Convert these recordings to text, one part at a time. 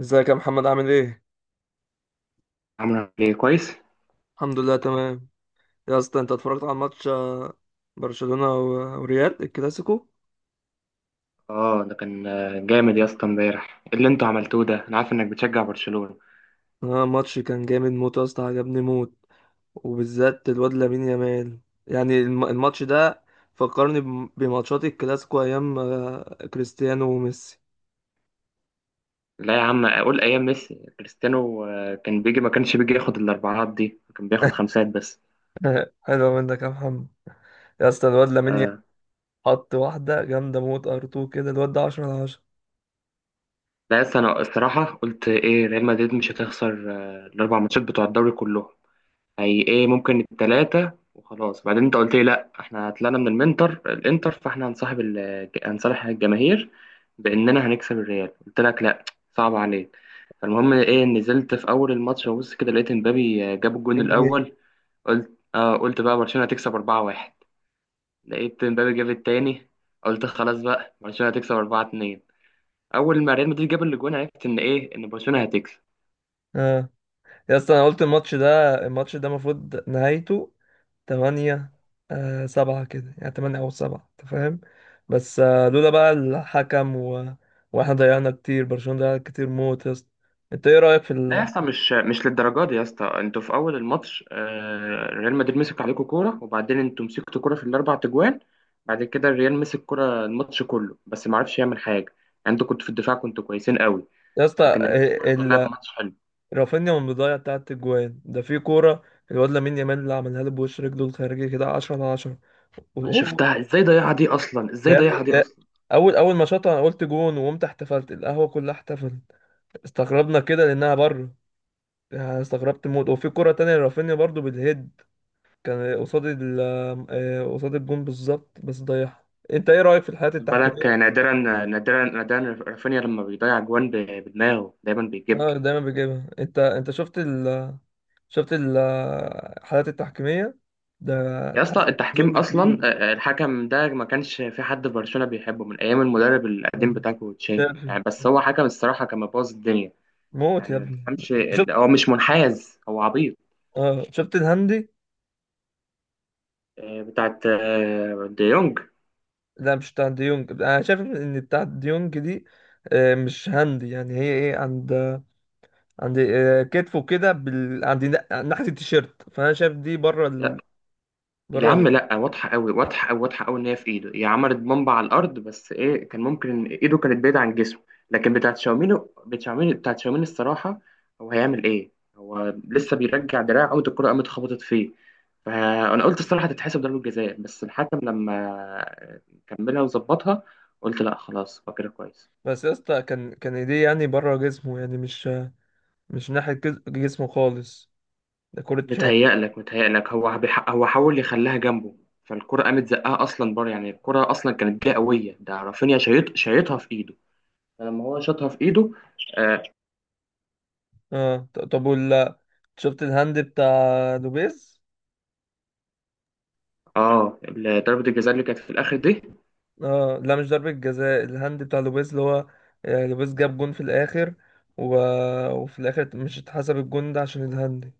ازيك يا محمد؟ عامل ايه؟ عاملة ايه كويس؟ الحمد لله، تمام. يا اسطى، انت اتفرجت على ماتش برشلونة و- وريال، الكلاسيكو؟ اه، ده كان جامد يا اسطى. امبارح ايه اللي انتوا عملتوه ده؟ انا عارف انك بتشجع برشلونة. اه، ماتش كان جامد موت يا اسطى، عجبني موت، وبالذات الواد لامين يامال. يعني الماتش ده فكرني بماتشات الكلاسيكو ايام كريستيانو وميسي. لا يا عم، اقول ايام ميسي كريستيانو كان بيجي ما كانش بيجي ياخد الاربعات دي، كان بياخد خمسات بس. حلو منك يا محمد. يا اسطى الواد لامين يامال آه. حط واحدة جامدة موت، ار 2 كده. الواد ده 10 على 10، لا يا اسطى، انا الصراحة قلت ايه؟ ريال مدريد مش هتخسر الاربع ماتشات بتوع الدوري كلهم. هي ايه، ممكن التلاتة وخلاص. بعدين انت قلت لي لا، احنا طلعنا من الانتر، فاحنا هنصاحب هنصالح الجماهير باننا هنكسب الريال. قلت لك لا، صعب عليك. فالمهم ايه، نزلت في اول الماتش وبص كده لقيت امبابي جاب الجون الجنيه. الاول. قلت بقى برشلونة هتكسب 4-1. لقيت امبابي جاب التاني، قلت خلاص بقى برشلونة هتكسب 4-2. اول ما ريال مدريد جاب الجون عرفت ان ايه، ان برشلونة هتكسب. اه، يا اسطى، انا قلت الماتش ده، المفروض نهايته تمانية. سبعة كده، يعني تمانية أو سبعة، أنت فاهم؟ بس لولا بقى الحكم وإحنا ضيعنا كتير، برشلونة ضيع كتير موت يا اسطى. أنت إيه رأيك في لا يا اسطى، مش للدرجه دي يا اسطى. انتوا في اول الماتش ريال مدريد مسك عليكم كوره، وبعدين انتوا مسكتوا كوره في الاربع تجوان. بعد كده الريال مسك كوره الماتش كله، بس ما عرفش يعمل حاجه. يعني انتوا كنتوا في الدفاع، كنتوا كويسين قوي. يا اسطى لكن الريال الصراحة كان لعب ماتش حلو. رافينيا من البداية، بتاعت الجوان ده، في كورة الواد لامين يامال اللي عملها له، بوش رجله الخارجي كده، 10 على 10. انا وهو، شفتها، ازاي ضيعها دي اصلا، ده ازاي يا ضيعها ابني، دي ده اصلا؟ أول ما شاطها أنا قلت جون، وقمت احتفلت، القهوة كلها احتفلت. استغربنا كده لأنها بره، يعني استغربت موت. وفي كرة تانية لرافينيا برضو بالهيد، كان قصاد قصاد الجون بالظبط، بس ضيعها. انت ايه رأيك في الحالات خد بالك التحكيمية؟ نادرا نادرا نادرا رافينيا لما بيضيع جوان بدماغه دايما اه بيجيبها. دايما بيجيبها. انت شفت شفت ال- الحالات التحكيمية ده يا اسطى تحسن التحكيم ظلم اصلا كبير. الحكم ده ما كانش في حد في برشلونه بيحبه من ايام المدرب آه. القديم بتاعكو تشافي شافي يعني، بس هو حكم الصراحه كان مبوظ الدنيا. موت يعني يا ما ابني. تفهمش، شفت؟ هو مش منحاز، هو عبيط. اه شفت الهندي. بتاعت دي يونج. لا مش بتاع ديونج، انا شايف ان بتاع ديونج دي مش هندي. يعني هي ايه؟ عند عند كتفه كده، عند ناحية التيشيرت، فانا شايف دي بره يا بره. عم لا، واضحه قوي، واضحه قوي، واضحه قوي ان هي في ايده، هي عملت بمبة على الارض، بس ايه، كان ممكن ان ايده كانت بعيده عن جسمه. لكن بتاعت شاوميني، بتاعت شاوميني، بتاعت شاوميني الصراحه، هو هيعمل ايه؟ هو لسه بيرجع دراعه، قوة الكره قامت خبطت فيه. فانا قلت الصراحه هتتحسب ضربه جزاء، بس الحكم لما كملها وظبطها، قلت لا خلاص، هو كده كويس. بس يا اسطى، كان ايديه يعني بره جسمه، يعني مش ناحية جسمه خالص، ده كرة شوط. متهيألك هو هو حاول يخليها جنبه. فالكرة قامت زقها اصلا بره. يعني الكرة اصلا كانت جايه قويه، ده رافينيا شايطها في ايده. فلما هو شاطها في ايده. اه, اه طب، ولا شفت الهاند بتاع لوبيز؟ ضربة الجزاء اللي كانت في الاخر دي، اه لا، مش ضربة جزاء، الهاند بتاع لوبيز اللي هو لوبيز جاب جون في الآخر، و... وفي الآخر مش اتحسب الجون ده عشان الهاند.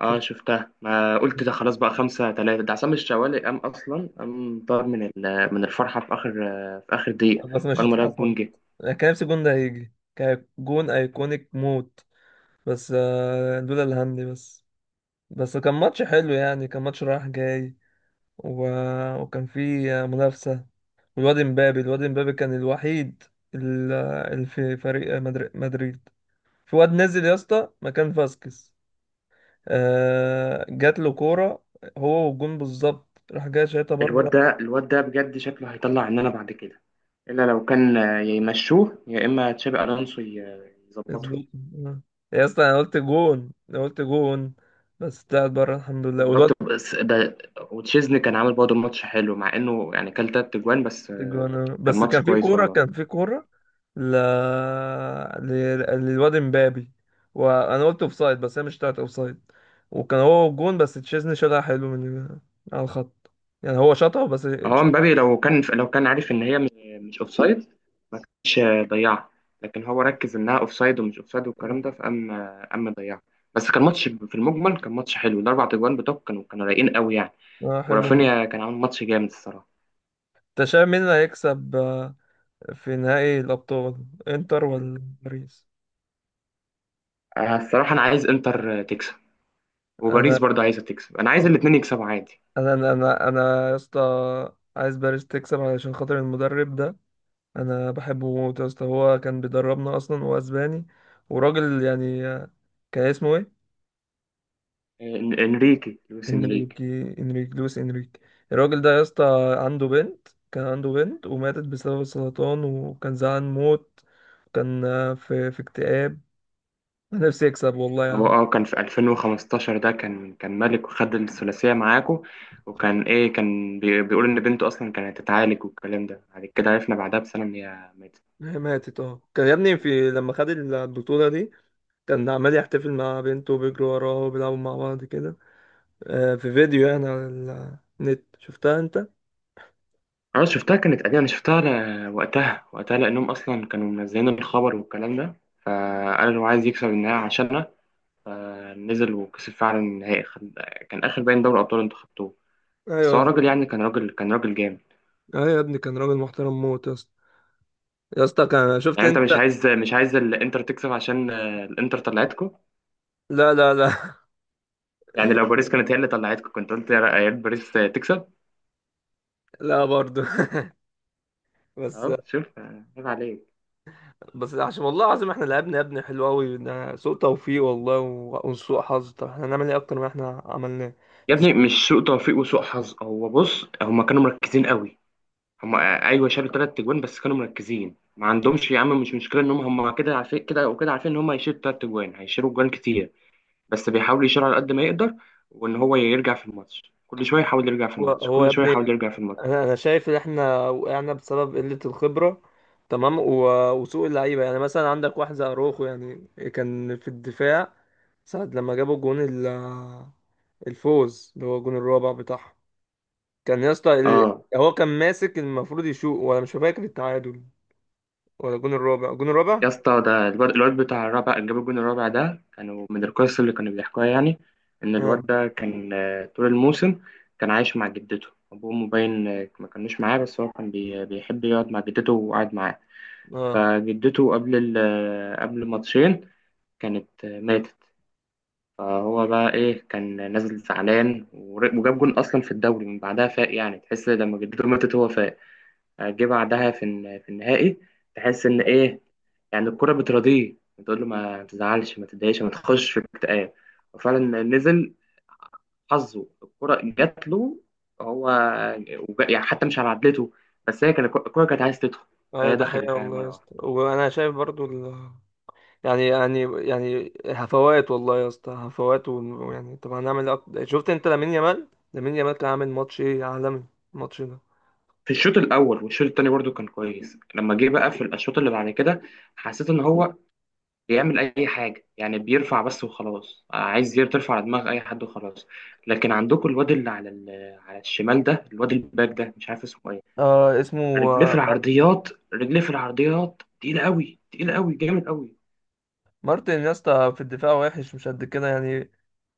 اه شفت؟ شفتها، ما قلت ده خلاص بقى 5-3، ده عصام الشوالي قام اصلا، قام طار من الفرحة في اخر في اخر دقيقة، بس مش اول ما لقى الجون اتحسب. جه. انا كان نفسي الجون ده هيجي، كان جون ايكونيك موت، بس لولا الهاند بس. بس كان ماتش حلو، يعني كان ماتش رايح جاي، و... وكان في منافسة. والواد مبابي، الواد مبابي كان الوحيد ال- اللي في فريق مدريد. في واد نزل يا اسطى مكان فاسكيز، جات له كورة، هو والجون بالظبط، راح جاي شايطها الواد بره. ده الواد ده بجد شكله هيطلع عننا بعد كده، الا لو كان يا يمشوه يا اما تشابي الونسو يظبطه. اسبوع. يا اسطى انا قلت جون، انا قلت جون، بس طلعت بره، الحمد لله. والواد استغربت بس ده. وتشيزني كان عامل برضه ماتش حلو، مع انه يعني كان تلات اجوان بس جوانا، كان بس ماتش كان في كويس كورة، والله. ل... ل... للواد امبابي، وانا قلت اوفسايد، بس هي مش بتاعت اوفسايد، وكان هو جون، بس تشيزني شالها حلو من على الخط، يعني هو شاطها بس هو مبابي لو كان عارف ان هي مش اوفسايد ما كانش ضيعها، لكن هو ركز انها اوفسايد ومش اوفسايد والكلام ده فقام اما ضيعها. بس كان ماتش في المجمل، كان ماتش حلو، الاربع تجوان بتوعك كانوا رايقين قوي يعني، اه حلو موت. ورافينيا كان عامل ماتش جامد الصراحه. انت شايف مين اللي هيكسب في نهائي الابطال، انتر ولا باريس؟ الصراحه انا عايز انتر تكسب، وباريس انا برضه عايزه تكسب، انا عايز الاثنين يكسبوا عادي. انا انا انا أنا يا اسطى عايز باريس تكسب، علشان خاطر المدرب ده. انا بحبه موت يا اسطى، هو كان بيدربنا اصلا، هو اسباني وراجل يعني. كان اسمه ايه؟ انريكي، لويس انريكي. انريكي. انريك لويس انريك. الراجل ده يا اسطى عنده بنت كان عنده بنت وماتت بسبب السرطان، وكان زعلان موت، كان في اكتئاب نفسي. يكسب والله يا هو عم. كان في 2015 ده، كان ملك، وخد الثلاثية معاكو. وكان ايه كان بيقول ان بنته اصلا كانت هتتعالج والكلام ده، بعد كده عرفنا بعدها بسنة ان هي ماتت. هي ماتت، اه كان يا ابني، في لما خد البطولة دي، كان عمال يحتفل مع بنته، وبيجروا وراه، وبيلعبوا مع بعض كده. في فيديو يعني على النت، شفتها انت؟ اه شفتها، كانت قديمة، انا شفتها وقتها لانهم اصلا كانوا منزلين الخبر والكلام ده. فقال هو عايز يكسب النهائي عشاننا، فنزل وكسب فعلا النهائي. كان اخر باين دوري ابطال انتوا خدتوه. بس هو ايوه. راجل يعني، كان راجل جامد. اه يا ابني كان راجل محترم موت يا اسطى. يا اسطى، كان شفت يعني انت مش انت؟ عايز مش عايز الانتر تكسب عشان الانتر طلعتكو. لا لا لا. يعني لو باريس كانت هي اللي طلعتكم كنت قلت يا ريت باريس تكسب. لا برضه. بس. اهو شوف عيب عليك. بس عشان والله العظيم احنا لعبنا يا ابني حلو قوي، ده سوء توفيق والله و- وسوء حظ، طب احنا هنعمل ايه اكتر ما احنا عملناه؟ يا انت شايف- ابني، مش سوء توفيق وسوء حظ. هو بص، هما كانوا مركزين قوي. هما ايوه شالوا ثلاث تجوان، بس كانوا مركزين. ما عندهمش يا عم مش مشكله، ان هم كده عارفين، كده وكده عارفين ان هم هيشيلوا ثلاث تجوان، هيشيلوا جوان كتير. بس بيحاول يشيل على قد ما يقدر، وان هو يرجع في الماتش كل شويه، يحاول يرجع في هو الماتش هو يا كل شويه، يحاول ابني، يرجع في الماتش. انا شايف ان احنا وقعنا بسبب قلة الخبرة، تمام، و- وسوء اللعيبة. يعني مثلا عندك واحد زي اروخو، يعني كان في الدفاع ساعة لما جابوا جون الفوز، اللي هو الجون الرابع بتاعهم. كان يا اسطى اه هو كان ماسك، المفروض يشوط، ولا مش فاكر التعادل ولا الجون الرابع؟ الجون الرابع. يا اسطى، ده الواد بتاع الرابع اللي جاب الجون الرابع ده، كانوا من القصص اللي كانوا بيحكوها يعني، ان الواد اه. ده كان طول الموسم كان عايش مع جدته، ابوه مبين ما كانوش معاه، بس هو كان بيحب يقعد مع جدته وقعد معاه. اه. فجدته قبل ماتشين كانت ماتت. فهو بقى كان نازل زعلان، وجاب جون اصلا في الدوري من بعدها، فاق يعني، تحس لما جدته ماتت هو فاق، جه بعدها في النهائي. تحس ان يعني الكرة بترضيه، بتقول له ما تزعلش، ما تتضايقش، ما تخش في اكتئاب. وفعلا نزل، حظه الكرة جات له هو، يعني حتى مش على عدلته، بس هي كانت الكرة كانت عايز تدخل، ايوه فهي ده حقيقة دخلت يعني والله يا مرة واحدة. اسطى، وانا شايف برضو يعني يعني هفوات والله يا اسطى، هفوات يعني، طب هنعمل إيه شفت انت لامين يامال؟ لامين يامال كان عامل ماتش ايه عالمي الماتش ده. في الشوط الأول والشوط التاني برضو كان كويس. لما جه بقى في الشوط اللي بعد كده، حسيت إن هو بيعمل اي حاجه، يعني بيرفع بس وخلاص، عايز ترفع على دماغ اي حد وخلاص. لكن عندكم الواد اللي على الشمال ده، الواد الباك ده، مش عارف اسمه ايه، اسمه رجليه في آه، العرضيات، رجليه في العرضيات، تقيله قوي، تقيله قوي، جامد قوي. مارتن يا اسطى، في الدفاع وحش، مش قد كده، يعني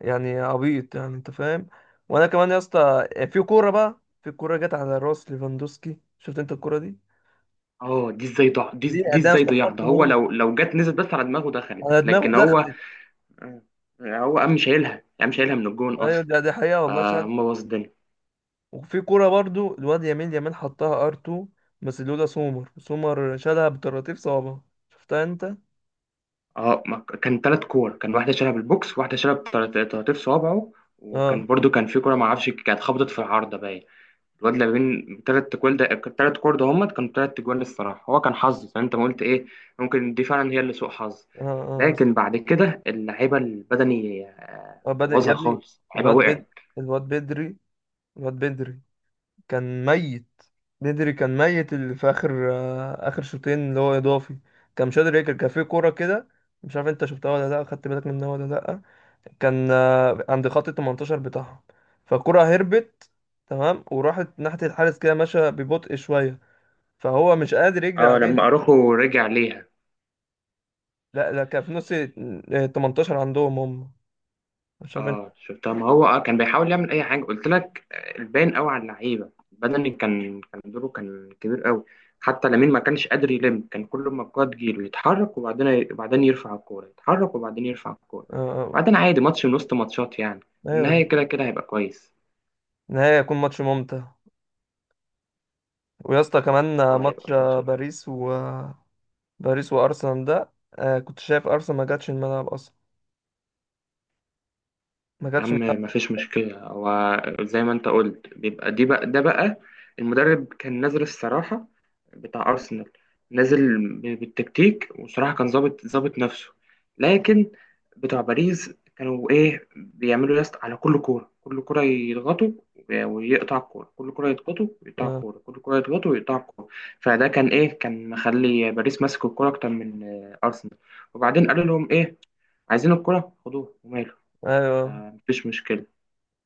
يعني عبيط، يعني انت فاهم. وانا كمان يا اسطى، يعني في كوره بقى، في كوره جت على راس ليفاندوسكي، شفت انت الكوره دي؟ اه، دي ازاي ضاع، دي دي، دي انا ازاي ضيع استغربت ده؟ هو موت، لو جت نزلت بس على دماغه دخلت، انا دماغي لكن هو دخلت. آه، هو قام شايلها، قام شايلها من الجون ايوه اصلا، ده، دي حقيقه والله شهادة. فهم باظ الدنيا. وفي كوره برضو، الواد يمين حطها ار 2، بس لولا سومر، شالها بطراطيف صوابعه، شفتها انت؟ اه. اه ما ك- كان ثلاث كور، كان واحده شالها بالبوكس، واحده شالها بطراطيف صوابعه. اه. وكان برضو كان في كوره ما اعرفش كانت خبطت في العارضه باين. الواد اللي بين ثلاث تجوال ده، الثلاث كور ده هم كانوا ثلاث تجوال الصراحه، هو كان حظ زي ما انت ما قلت، ايه ممكن دي فعلا هي اللي سوء حظ. اه. لكن بعد كده اللعيبه البدني آه بدأ يا بوظها ابني خالص، اللعيبه الواد بد وقعت. الواد بدري، الواد بدري كان ميت، بدري كان ميت، اللي في اخر، اخر شوطين اللي هو اضافي، كان مش قادر ياكل. كان في كوره كده، مش عارف انت شفتها ولا لا، خدت بالك منها ولا لا؟ كان عند خط ال 18 بتاعهم، فالكرة هربت، تمام، وراحت ناحية الحارس كده ماشية ببطء شوية، فهو مش قادر يجري اه، عليه. لما اروخو رجع ليها. لا لا، كان في نص ال 18 عندهم هم، مش عارف انت. اه شفتها، ما هو كان بيحاول يعمل اي حاجه. قلت لك الباين قوي على اللعيبه بدني، كان دوره كان كبير قوي. حتى لامين ما كانش قادر يلم، كان كل ما الكوره تجيله يتحرك، وبعدين يرفع الكوره، يتحرك وبعدين يرفع الكوره، آه، آه. وبعدين عادي ماتش من وسط ماتشات يعني، ايوه. النهايه كده كده هيبقى كويس. نهاية يكون ماتش ممتع. ويا اسطى كمان اه هيبقى ماتش كويس يا باريس و، باريس وارسنال ده، كنت شايف ارسنال ما جاتش الملعب اصلا، ما جاتش عم، الملعب. ما فيش مشكله. هو زي ما انت قلت، بيبقى دي بقى ده بقى. المدرب كان نازل الصراحه، بتاع أرسنال، نازل بالتكتيك، وصراحة كان ظابط ظابط نفسه. لكن بتوع باريس كانوا بيعملوا يست على كل كورة، كل كورة يضغطوا ويقطع الكورة، كل كورة يضغطوا ويقطع آه. الكورة، كل كورة يضغطوا ويقطع الكورة. فده كان مخلي باريس ماسك الكورة أكتر من أرسنال. وبعدين قالوا لهم إيه؟ عايزين الكورة؟ خدوها وماله، ايوه مفيش مشكلة.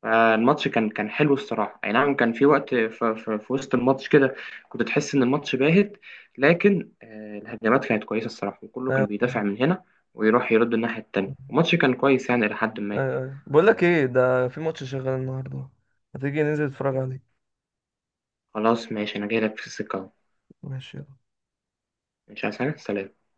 الماتش كان حلو الصراحة، أي نعم. كان في وقت في وسط الماتش كده كنت تحس إن الماتش باهت، لكن الهجمات كانت كويسة الصراحة، وكله كان ايوه بيدافع ايوه. من هنا ويروح يرد الناحية التانية. الماتش كان كويس يعني، إلى حد ما. أيوه. بقول لك ايه، ده في ماتش شغال النهارده، هتيجي ننزل نتفرج عليه؟ خلاص ماشي، أنا جاي لك في السكة أهو. ماشي. مش عايز حاجة، سلام.